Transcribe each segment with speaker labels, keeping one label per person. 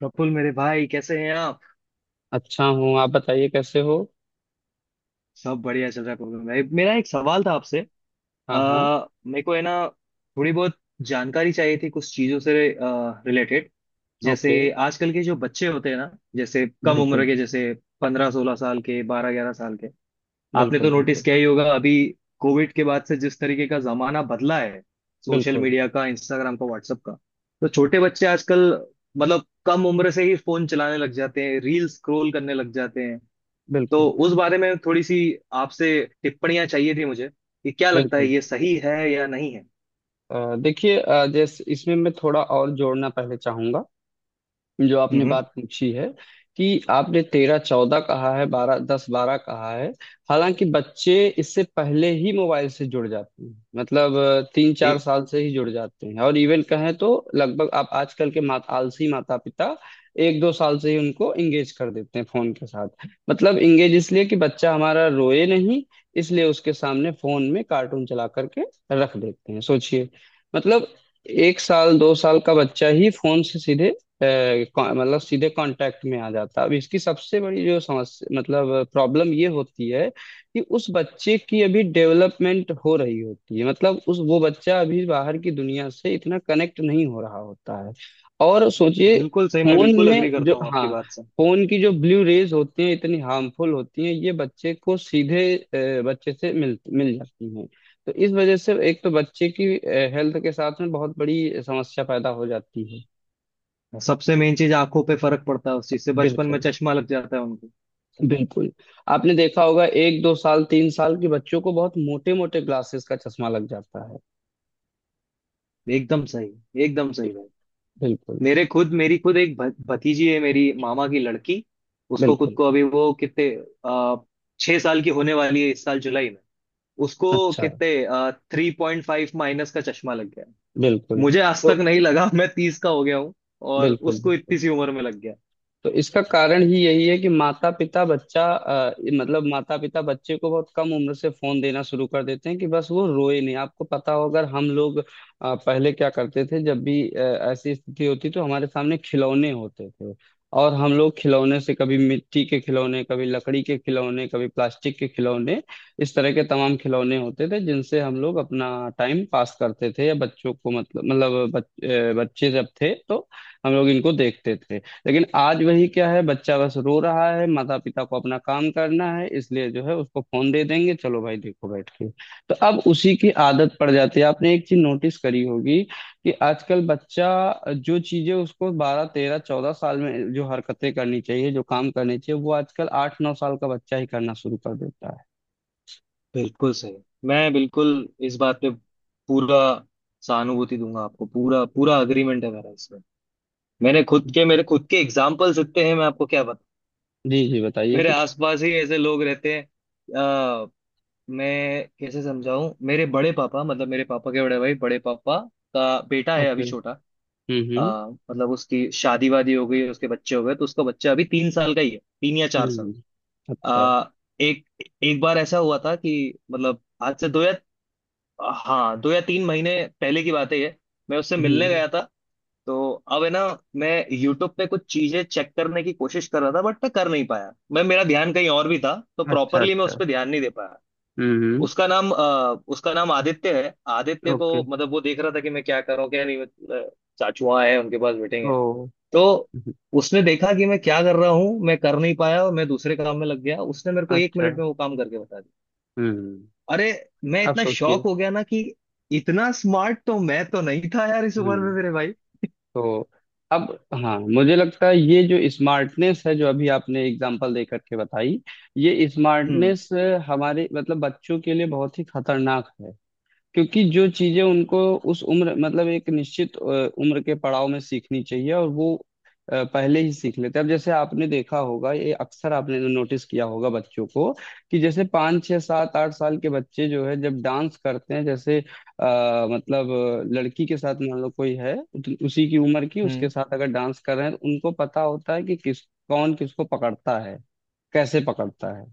Speaker 1: प्रफुल मेरे भाई, कैसे हैं आप?
Speaker 2: अच्छा हूँ। आप बताइए कैसे हो?
Speaker 1: सब बढ़िया चल रहा है। प्रफुल भाई, मेरा एक सवाल था आपसे।
Speaker 2: हाँ, हाँ।
Speaker 1: अ, मेरे को है ना, थोड़ी बहुत जानकारी चाहिए थी कुछ चीजों से रिलेटेड। जैसे,
Speaker 2: ओके।
Speaker 1: आजकल के जो बच्चे होते हैं ना, जैसे कम उम्र
Speaker 2: बिल्कुल।
Speaker 1: के, जैसे 15-16 साल के, 12-11 साल के, आपने
Speaker 2: बिल्कुल।
Speaker 1: तो नोटिस
Speaker 2: बिल्कुल।
Speaker 1: किया ही होगा। अभी कोविड के बाद से जिस तरीके का जमाना बदला है, सोशल
Speaker 2: बिल्कुल।
Speaker 1: मीडिया का, इंस्टाग्राम का, व्हाट्सएप का, तो छोटे बच्चे आजकल मतलब कम उम्र से ही फोन चलाने लग जाते हैं, रील स्क्रॉल करने लग जाते हैं। तो
Speaker 2: बिल्कुल।
Speaker 1: उस बारे में थोड़ी सी आपसे टिप्पणियां चाहिए थी मुझे, कि क्या लगता है,
Speaker 2: बिल्कुल।
Speaker 1: ये सही है या नहीं है।
Speaker 2: देखिए, जैसे इसमें मैं थोड़ा और जोड़ना पहले चाहूंगा, जो आपने
Speaker 1: हम्म।
Speaker 2: बात पूछी है। कि आपने तेरह चौदह कहा है, बारह दस बारह कहा है। हालांकि बच्चे इससे पहले ही मोबाइल से जुड़ जाते हैं, मतलब तीन चार
Speaker 1: ये
Speaker 2: साल से ही जुड़ जाते हैं। और इवन कहें तो लगभग आप आजकल के मात आलसी माता पिता एक दो साल से ही उनको इंगेज कर देते हैं फोन के साथ। मतलब इंगेज इसलिए कि बच्चा हमारा रोए नहीं, इसलिए उसके सामने फोन में कार्टून चला करके रख देते हैं। सोचिए, मतलब एक साल दो साल का बच्चा ही फोन से सीधे मतलब सीधे कांटेक्ट में आ जाता है। अब इसकी सबसे बड़ी जो समस्या, मतलब प्रॉब्लम, ये होती है कि उस बच्चे की अभी डेवलपमेंट हो रही होती है। मतलब उस वो बच्चा अभी बाहर की दुनिया से इतना कनेक्ट नहीं हो रहा होता है। और सोचिए,
Speaker 1: बिल्कुल सही। मैं
Speaker 2: फोन
Speaker 1: बिल्कुल अग्री
Speaker 2: में जो
Speaker 1: करता हूँ आपकी
Speaker 2: हाँ,
Speaker 1: बात से।
Speaker 2: फोन की जो ब्लू रेज होती हैं इतनी हार्मफुल होती हैं, ये बच्चे को सीधे बच्चे से मिल मिल जाती हैं। तो इस वजह से एक तो बच्चे की हेल्थ के साथ में बहुत बड़ी समस्या पैदा हो जाती है।
Speaker 1: सबसे मेन चीज, आंखों पे फर्क पड़ता है उस चीज से, बचपन में
Speaker 2: बिल्कुल।
Speaker 1: चश्मा लग जाता है उनको।
Speaker 2: बिल्कुल। आपने देखा होगा, एक दो साल तीन साल के बच्चों को बहुत मोटे मोटे ग्लासेस का चश्मा लग जाता है।
Speaker 1: एकदम सही भाई।
Speaker 2: बिल्कुल।
Speaker 1: मेरे खुद मेरी खुद एक भतीजी है, मेरी मामा की लड़की। उसको खुद
Speaker 2: बिल्कुल।
Speaker 1: को, अभी वो कितने, आ, 6 साल की होने वाली है इस साल जुलाई में। उसको
Speaker 2: अच्छा।
Speaker 1: कितने, 3.5 माइनस का चश्मा लग गया।
Speaker 2: बिल्कुल।
Speaker 1: मुझे आज
Speaker 2: तो
Speaker 1: तक नहीं लगा मैं 30 का हो गया हूँ, और
Speaker 2: बिल्कुल।
Speaker 1: उसको इतनी
Speaker 2: बिल्कुल।
Speaker 1: सी उम्र में लग गया।
Speaker 2: तो इसका कारण ही यही है कि माता पिता बच्चा अ, मतलब माता पिता बच्चे को बहुत कम उम्र से फोन देना शुरू कर देते हैं, कि बस वो रोए नहीं। आपको पता हो, अगर हम लोग पहले क्या करते थे, जब भी ऐसी स्थिति होती, तो हमारे सामने खिलौने होते थे। और हम लोग खिलौने से, कभी मिट्टी के खिलौने, कभी लकड़ी के खिलौने, कभी प्लास्टिक के खिलौने, इस तरह के तमाम खिलौने होते थे जिनसे हम लोग अपना टाइम पास करते थे। या बच्चों को मतलब बच्चे जब थे तो हम लोग इनको देखते थे। लेकिन आज वही क्या है, बच्चा बस रो रहा है, माता पिता को अपना काम करना है, इसलिए जो है उसको फोन दे देंगे, चलो भाई देखो बैठ के। तो अब उसी की आदत पड़ जाती है। आपने एक चीज नोटिस करी होगी, कि आजकल बच्चा जो चीजें उसको बारह तेरह चौदह साल में जो हरकतें करनी चाहिए, जो काम करने चाहिए, वो आजकल आठ नौ साल का बच्चा ही करना शुरू कर देता है।
Speaker 1: बिल्कुल सही। मैं बिल्कुल इस बात पे पूरा सहानुभूति दूंगा आपको। पूरा पूरा अग्रीमेंट है मेरा इसमें। मैंने खुद के मेरे खुद के एग्जाम्पल्स इतने हैं, मैं आपको क्या बताऊं।
Speaker 2: जी जी, बताइए
Speaker 1: मेरे
Speaker 2: कुछ।
Speaker 1: आसपास ही ऐसे लोग रहते हैं। मैं कैसे समझाऊं, मेरे बड़े पापा, मतलब मेरे पापा के बड़े भाई, बड़े पापा का बेटा है
Speaker 2: ओके।
Speaker 1: अभी छोटा।
Speaker 2: हम्म।
Speaker 1: अ,
Speaker 2: हम्म।
Speaker 1: मतलब उसकी शादी वादी हो गई, उसके बच्चे हो गए, तो उसका बच्चा अभी 3 साल का ही है, 3 या 4 साल।
Speaker 2: हम्म। अच्छा।
Speaker 1: आ, एक एक बार ऐसा हुआ था कि, मतलब आज से दो या हाँ, 2 या 3 महीने पहले की बात है ये, मैं उससे मिलने
Speaker 2: जी।
Speaker 1: गया था। तो अब है ना, मैं यूट्यूब पे कुछ चीजें चेक करने की कोशिश कर रहा था, बट मैं कर नहीं पाया। मैं मेरा ध्यान कहीं और भी था, तो
Speaker 2: अच्छा,
Speaker 1: प्रॉपरली मैं उस
Speaker 2: अच्छा।
Speaker 1: पर ध्यान नहीं दे पाया।
Speaker 2: हम्म, हम्म।
Speaker 1: उसका नाम आदित्य है। आदित्य को,
Speaker 2: ओके।
Speaker 1: मतलब वो देख रहा था कि मैं क्या करूँ क्या नहीं, मतलब चाचुआ है, उनके पास मीटिंग है।
Speaker 2: ओ।
Speaker 1: तो
Speaker 2: हम्म।
Speaker 1: उसने देखा कि मैं क्या कर रहा हूँ, मैं कर नहीं पाया और मैं दूसरे काम में लग गया। उसने मेरे को एक
Speaker 2: अच्छा।
Speaker 1: मिनट में वो काम करके बता दिया।
Speaker 2: हम्म।
Speaker 1: अरे, मैं
Speaker 2: अब
Speaker 1: इतना शॉक
Speaker 2: सोचिए।
Speaker 1: हो गया ना कि, इतना स्मार्ट तो मैं तो नहीं था यार, इस उम्र में,
Speaker 2: हम्म।
Speaker 1: मेरे भाई।
Speaker 2: तो अब, हाँ, मुझे लगता है ये जो स्मार्टनेस है जो अभी आपने एग्जांपल दे करके बताई, ये
Speaker 1: हम्म
Speaker 2: स्मार्टनेस हमारे मतलब बच्चों के लिए बहुत ही खतरनाक है। क्योंकि जो चीजें उनको उस उम्र मतलब एक निश्चित उम्र के पड़ाव में सीखनी चाहिए, और वो पहले ही सीख लेते हैं। अब जैसे आपने देखा होगा, ये अक्सर आपने नोटिस किया होगा बच्चों को, कि जैसे पाँच छः सात आठ साल के बच्चे जो है, जब डांस करते हैं, जैसे मतलब लड़की के साथ मान लो कोई है उसी की उम्र की, उसके
Speaker 1: हम्म।
Speaker 2: साथ अगर डांस कर रहे हैं, तो उनको पता होता है कि किस कौन किसको पकड़ता है, कैसे पकड़ता है।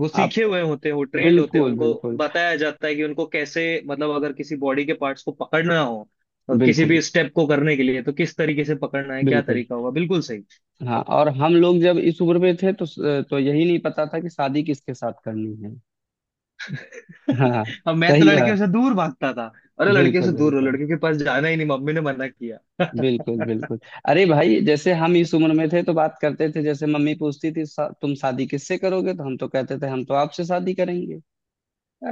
Speaker 1: वो
Speaker 2: आप,
Speaker 1: सीखे हुए होते हैं, वो ट्रेंड होते हैं।
Speaker 2: बिल्कुल,
Speaker 1: उनको
Speaker 2: बिल्कुल।
Speaker 1: बताया जाता है कि उनको कैसे, मतलब अगर किसी बॉडी के पार्ट्स को पकड़ना हो, किसी
Speaker 2: बिल्कुल,
Speaker 1: भी स्टेप को करने के लिए, तो किस तरीके से पकड़ना है, क्या
Speaker 2: बिल्कुल।
Speaker 1: तरीका होगा। बिल्कुल सही।
Speaker 2: हाँ, और हम लोग जब इस उम्र में थे, तो यही नहीं पता था कि शादी किसके साथ करनी है। हाँ।
Speaker 1: अब मैं तो
Speaker 2: सही
Speaker 1: लड़कियों
Speaker 2: बात।
Speaker 1: से दूर भागता था। अरे, लड़कियों
Speaker 2: बिल्कुल,
Speaker 1: से दूर हो,
Speaker 2: बिल्कुल।
Speaker 1: लड़कियों के पास जाना ही नहीं, मम्मी ने मना किया
Speaker 2: बिल्कुल, बिल्कुल। अरे भाई, जैसे हम इस उम्र में थे तो बात करते थे। जैसे मम्मी पूछती थी, तुम शादी किससे करोगे?" तो हम तो कहते थे हम तो आपसे शादी करेंगे।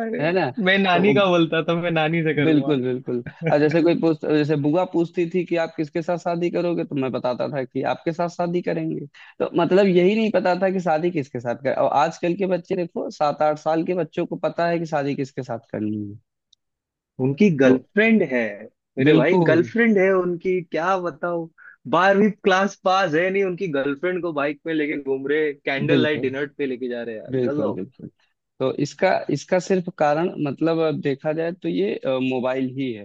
Speaker 1: अरे,
Speaker 2: है ना?
Speaker 1: मैं
Speaker 2: तो
Speaker 1: नानी का बोलता था, मैं नानी से करूंगा।
Speaker 2: बिल्कुल, बिल्कुल। और जैसे कोई पूछ, जैसे बुआ पूछती थी कि आप किसके साथ शादी करोगे, तो मैं बताता था कि आपके साथ शादी करेंगे। तो मतलब यही नहीं पता था कि शादी किसके साथ कर, और आजकल के बच्चे देखो, सात आठ साल के बच्चों को पता है कि शादी किसके साथ करनी है।
Speaker 1: उनकी
Speaker 2: तो
Speaker 1: गर्लफ्रेंड है, मेरे भाई।
Speaker 2: बिल्कुल,
Speaker 1: गर्लफ्रेंड है उनकी, क्या बताओ। 12वीं क्लास पास है नहीं, उनकी गर्लफ्रेंड को बाइक पे लेके घूम रहे, कैंडल लाइट
Speaker 2: बिल्कुल।
Speaker 1: डिनर पे लेके जा रहे हैं, यार
Speaker 2: बिल्कुल,
Speaker 1: गजब।
Speaker 2: बिल्कुल। तो इसका इसका सिर्फ कारण, मतलब अब देखा जाए तो ये मोबाइल ही है।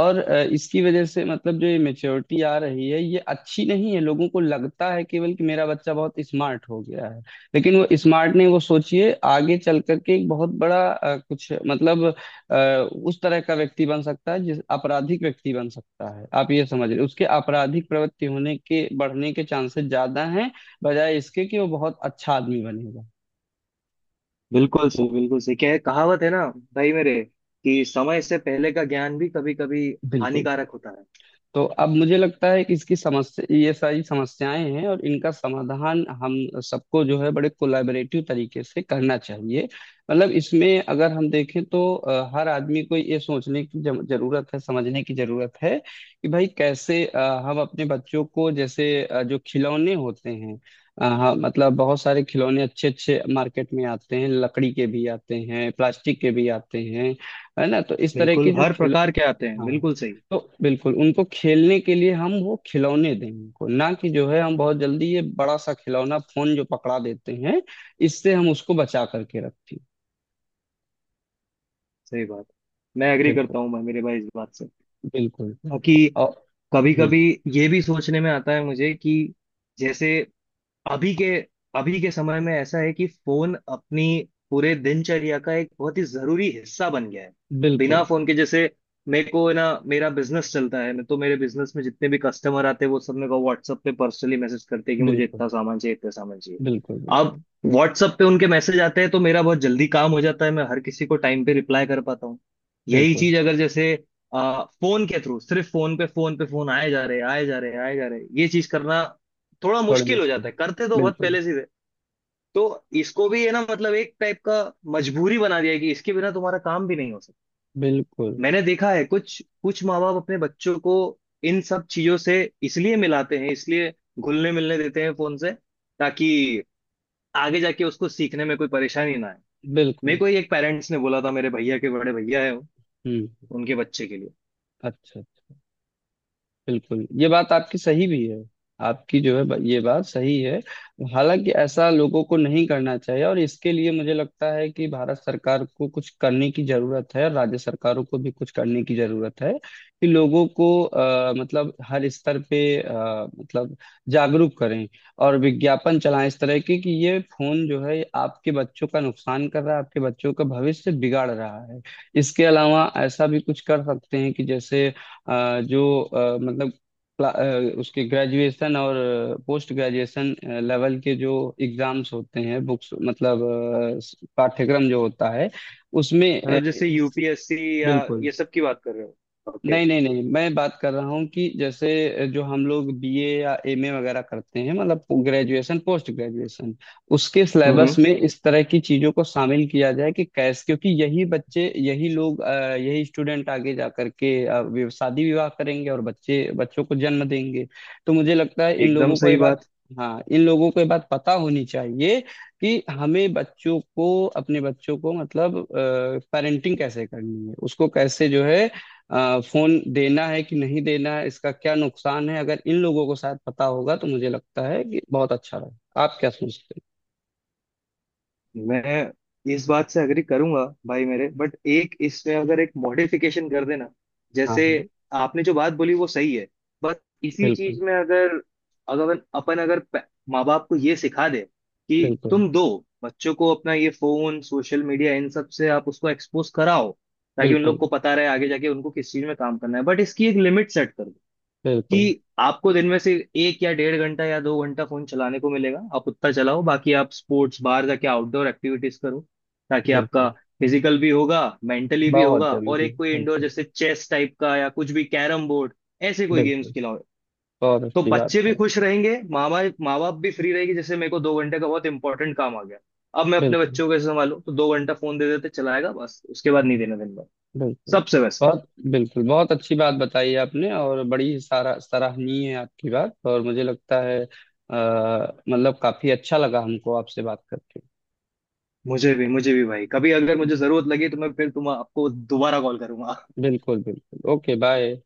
Speaker 2: और इसकी वजह से मतलब जो ये मेच्योरिटी आ रही है, ये अच्छी नहीं है। लोगों को लगता है केवल कि मेरा बच्चा बहुत स्मार्ट हो गया है। लेकिन वो स्मार्ट नहीं। वो सोचिए, आगे चल करके एक बहुत बड़ा अ, उस तरह का व्यक्ति बन सकता है, जिस आपराधिक व्यक्ति बन सकता है। आप ये समझ रहे, उसके आपराधिक प्रवृत्ति होने के बढ़ने के चांसेस ज्यादा हैं, बजाय इसके कि वो बहुत अच्छा आदमी बनेगा।
Speaker 1: बिल्कुल सही बिल्कुल सही। क्या है, कहावत है ना भाई मेरे, कि समय से पहले का ज्ञान भी कभी कभी
Speaker 2: बिल्कुल।
Speaker 1: हानिकारक होता है।
Speaker 2: तो अब मुझे लगता है कि इसकी समस्या, ये सारी समस्याएं हैं, और इनका समाधान हम सबको जो है बड़े कोलैबोरेटिव तरीके से करना चाहिए। मतलब इसमें अगर हम देखें तो हर आदमी को ये सोचने की जरूरत है, समझने की जरूरत है, कि भाई कैसे हम अपने बच्चों को, जैसे जो खिलौने होते हैं, हाँ, मतलब बहुत सारे खिलौने अच्छे अच्छे मार्केट में आते हैं, लकड़ी के भी आते हैं, प्लास्टिक के भी आते हैं। है ना? तो इस तरह के
Speaker 1: बिल्कुल,
Speaker 2: जो
Speaker 1: हर
Speaker 2: खिल
Speaker 1: प्रकार के आते हैं,
Speaker 2: हाँ,
Speaker 1: बिल्कुल सही।
Speaker 2: तो बिल्कुल, उनको खेलने के लिए हम वो खिलौने दें उनको, ना कि जो है हम बहुत जल्दी ये बड़ा सा खिलौना फोन जो पकड़ा देते हैं। इससे हम उसको बचा करके रखें।
Speaker 1: सही बात, मैं एग्री
Speaker 2: बिल्कुल।
Speaker 1: करता हूँ भाई, मेरे भाई, इस बात से।
Speaker 2: बिल्कुल।
Speaker 1: बाकी
Speaker 2: और,
Speaker 1: कभी कभी
Speaker 2: हम्म,
Speaker 1: ये भी सोचने में आता है मुझे कि, जैसे, अभी के अभी के समय में ऐसा है कि, फोन अपनी पूरे दिनचर्या का एक बहुत ही जरूरी हिस्सा बन गया है। बिना
Speaker 2: बिल्कुल,
Speaker 1: फोन के, जैसे मेरे को ना, मेरा बिजनेस चलता है। मैं तो, मेरे बिजनेस में जितने भी कस्टमर आते हैं, वो सब मेरे को WhatsApp पे पर्सनली मैसेज करते हैं कि मुझे इतना
Speaker 2: बिल्कुल।
Speaker 1: सामान चाहिए, इतना सामान चाहिए।
Speaker 2: बिल्कुल,
Speaker 1: अब
Speaker 2: बिल्कुल,
Speaker 1: WhatsApp पे उनके मैसेज आते हैं तो मेरा बहुत जल्दी काम हो जाता है, मैं हर किसी को टाइम पे रिप्लाई कर पाता हूँ। यही
Speaker 2: बिल्कुल।
Speaker 1: चीज अगर जैसे फोन के थ्रू सिर्फ फोन पे फोन पे फोन आए जा रहे, आए जा रहे, आए जा रहे, ये चीज करना थोड़ा
Speaker 2: थोड़े
Speaker 1: मुश्किल हो
Speaker 2: मुश्किल
Speaker 1: जाता
Speaker 2: है।
Speaker 1: है। करते तो बहुत
Speaker 2: बिल्कुल।
Speaker 1: पहले से थे। तो इसको भी है ना, मतलब एक टाइप का मजबूरी बना दिया है कि इसके बिना तुम्हारा काम भी नहीं हो सकता।
Speaker 2: बिल्कुल।
Speaker 1: मैंने देखा है कुछ कुछ माँ बाप अपने बच्चों को इन सब चीजों से इसलिए मिलाते हैं, इसलिए घुलने मिलने देते हैं फोन से, ताकि आगे जाके उसको सीखने में कोई परेशानी ना आए। मेरे
Speaker 2: बिल्कुल।
Speaker 1: को ही एक पेरेंट्स ने बोला था, मेरे भैया के बड़े भैया है,
Speaker 2: हम्म।
Speaker 1: उनके बच्चे के लिए।
Speaker 2: अच्छा। बिल्कुल, ये बात आपकी सही भी है। आपकी जो है ये बात सही है। हालांकि ऐसा लोगों को नहीं करना चाहिए, और इसके लिए मुझे लगता है कि भारत सरकार को कुछ करने की जरूरत है, और राज्य सरकारों को भी कुछ करने की जरूरत है। कि लोगों को मतलब हर स्तर पे मतलब जागरूक करें, और विज्ञापन चलाएं इस तरह के, कि ये फोन जो है आपके बच्चों का नुकसान कर रहा है, आपके बच्चों का भविष्य बिगाड़ रहा है। इसके अलावा ऐसा भी कुछ कर सकते हैं कि जैसे अ, जो अ, मतलब क्ला- अ, उसके ग्रेजुएशन और पोस्ट ग्रेजुएशन लेवल के जो एग्जाम्स होते हैं, बुक्स, मतलब पाठ्यक्रम जो होता है, उसमें
Speaker 1: मतलब जैसे यूपीएससी या
Speaker 2: बिल्कुल।
Speaker 1: ये सब की बात कर रहे हो? ओके।
Speaker 2: नहीं, नहीं, नहीं, मैं बात कर रहा हूँ कि जैसे जो हम लोग बीए या एमए वगैरह करते हैं, मतलब ग्रेजुएशन पोस्ट ग्रेजुएशन। उसके
Speaker 1: हम्म।
Speaker 2: सिलेबस में इस तरह की चीजों को शामिल किया जाए, कि कैसे, क्योंकि यही बच्चे, यही लोग, यही स्टूडेंट आगे जा करके शादी विवाह करेंगे, और बच्चे बच्चों को जन्म देंगे। तो मुझे लगता है इन
Speaker 1: एकदम
Speaker 2: लोगों को ये
Speaker 1: सही
Speaker 2: बात,
Speaker 1: बात।
Speaker 2: हाँ, इन लोगों को ये बात पता होनी चाहिए। कि हमें बच्चों को अपने बच्चों को, मतलब पेरेंटिंग कैसे करनी है, उसको कैसे जो है फोन देना है कि नहीं देना है, इसका क्या नुकसान है। अगर इन लोगों को शायद पता होगा, तो मुझे लगता है कि बहुत अच्छा रहे। आप क्या सोचते
Speaker 1: मैं इस बात से अग्री करूंगा भाई मेरे, बट एक इसमें अगर एक मॉडिफिकेशन कर देना।
Speaker 2: हैं? हाँ,
Speaker 1: जैसे,
Speaker 2: हाँ।
Speaker 1: आपने जो बात बोली वो सही है, बट इसी
Speaker 2: बिल्कुल।
Speaker 1: चीज में अगर, अगर अपन अगर माँ बाप को ये सिखा दे कि
Speaker 2: बिल्कुल,
Speaker 1: तुम दो बच्चों को अपना ये फोन, सोशल मीडिया, इन सब से आप उसको एक्सपोज कराओ, ताकि उन लोग
Speaker 2: बिल्कुल।
Speaker 1: को पता रहे आगे जाके उनको किस चीज में काम करना है, बट इसकी एक लिमिट सेट कर दो
Speaker 2: बिल्कुल,
Speaker 1: कि आपको दिन में से एक या डेढ़ घंटा या 2 घंटा फोन चलाने को मिलेगा, आप उतना चलाओ। बाकी आप स्पोर्ट्स, बाहर जाके आउटडोर एक्टिविटीज करो, ताकि आपका
Speaker 2: बिल्कुल।
Speaker 1: फिजिकल भी होगा, मेंटली भी
Speaker 2: बहुत
Speaker 1: होगा, और
Speaker 2: जरूरी है,
Speaker 1: एक कोई इंडोर,
Speaker 2: बिल्कुल।
Speaker 1: जैसे चेस टाइप का या कुछ भी, कैरम बोर्ड, ऐसे कोई गेम्स
Speaker 2: बिल्कुल,
Speaker 1: खिलाओ।
Speaker 2: बहुत
Speaker 1: तो
Speaker 2: अच्छी बात
Speaker 1: बच्चे भी
Speaker 2: है।
Speaker 1: खुश रहेंगे, माँ बाप भी फ्री रहेगी। जैसे मेरे को 2 घंटे का बहुत इंपॉर्टेंट काम आ गया, अब मैं अपने
Speaker 2: बिल्कुल।
Speaker 1: बच्चों को कैसे संभालूं, तो 2 घंटा फोन दे देते, चलाएगा बस, उसके बाद नहीं देना दिन भर।
Speaker 2: बिल्कुल।
Speaker 1: सबसे बेस्ट।
Speaker 2: बहुत, बिल्कुल, बहुत अच्छी बात बताई आपने, और बड़ी सारा सराहनीय है आपकी बात, और मुझे लगता है मतलब काफी अच्छा लगा हमको आपसे बात करके।
Speaker 1: मुझे भी भाई, कभी अगर मुझे जरूरत लगी, तो मैं फिर तुम आपको दोबारा कॉल करूंगा।
Speaker 2: बिल्कुल, बिल्कुल। Okay, bye.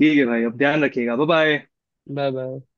Speaker 1: ठीक है भाई, अब ध्यान रखिएगा, बाय बाय।
Speaker 2: Bye, bye.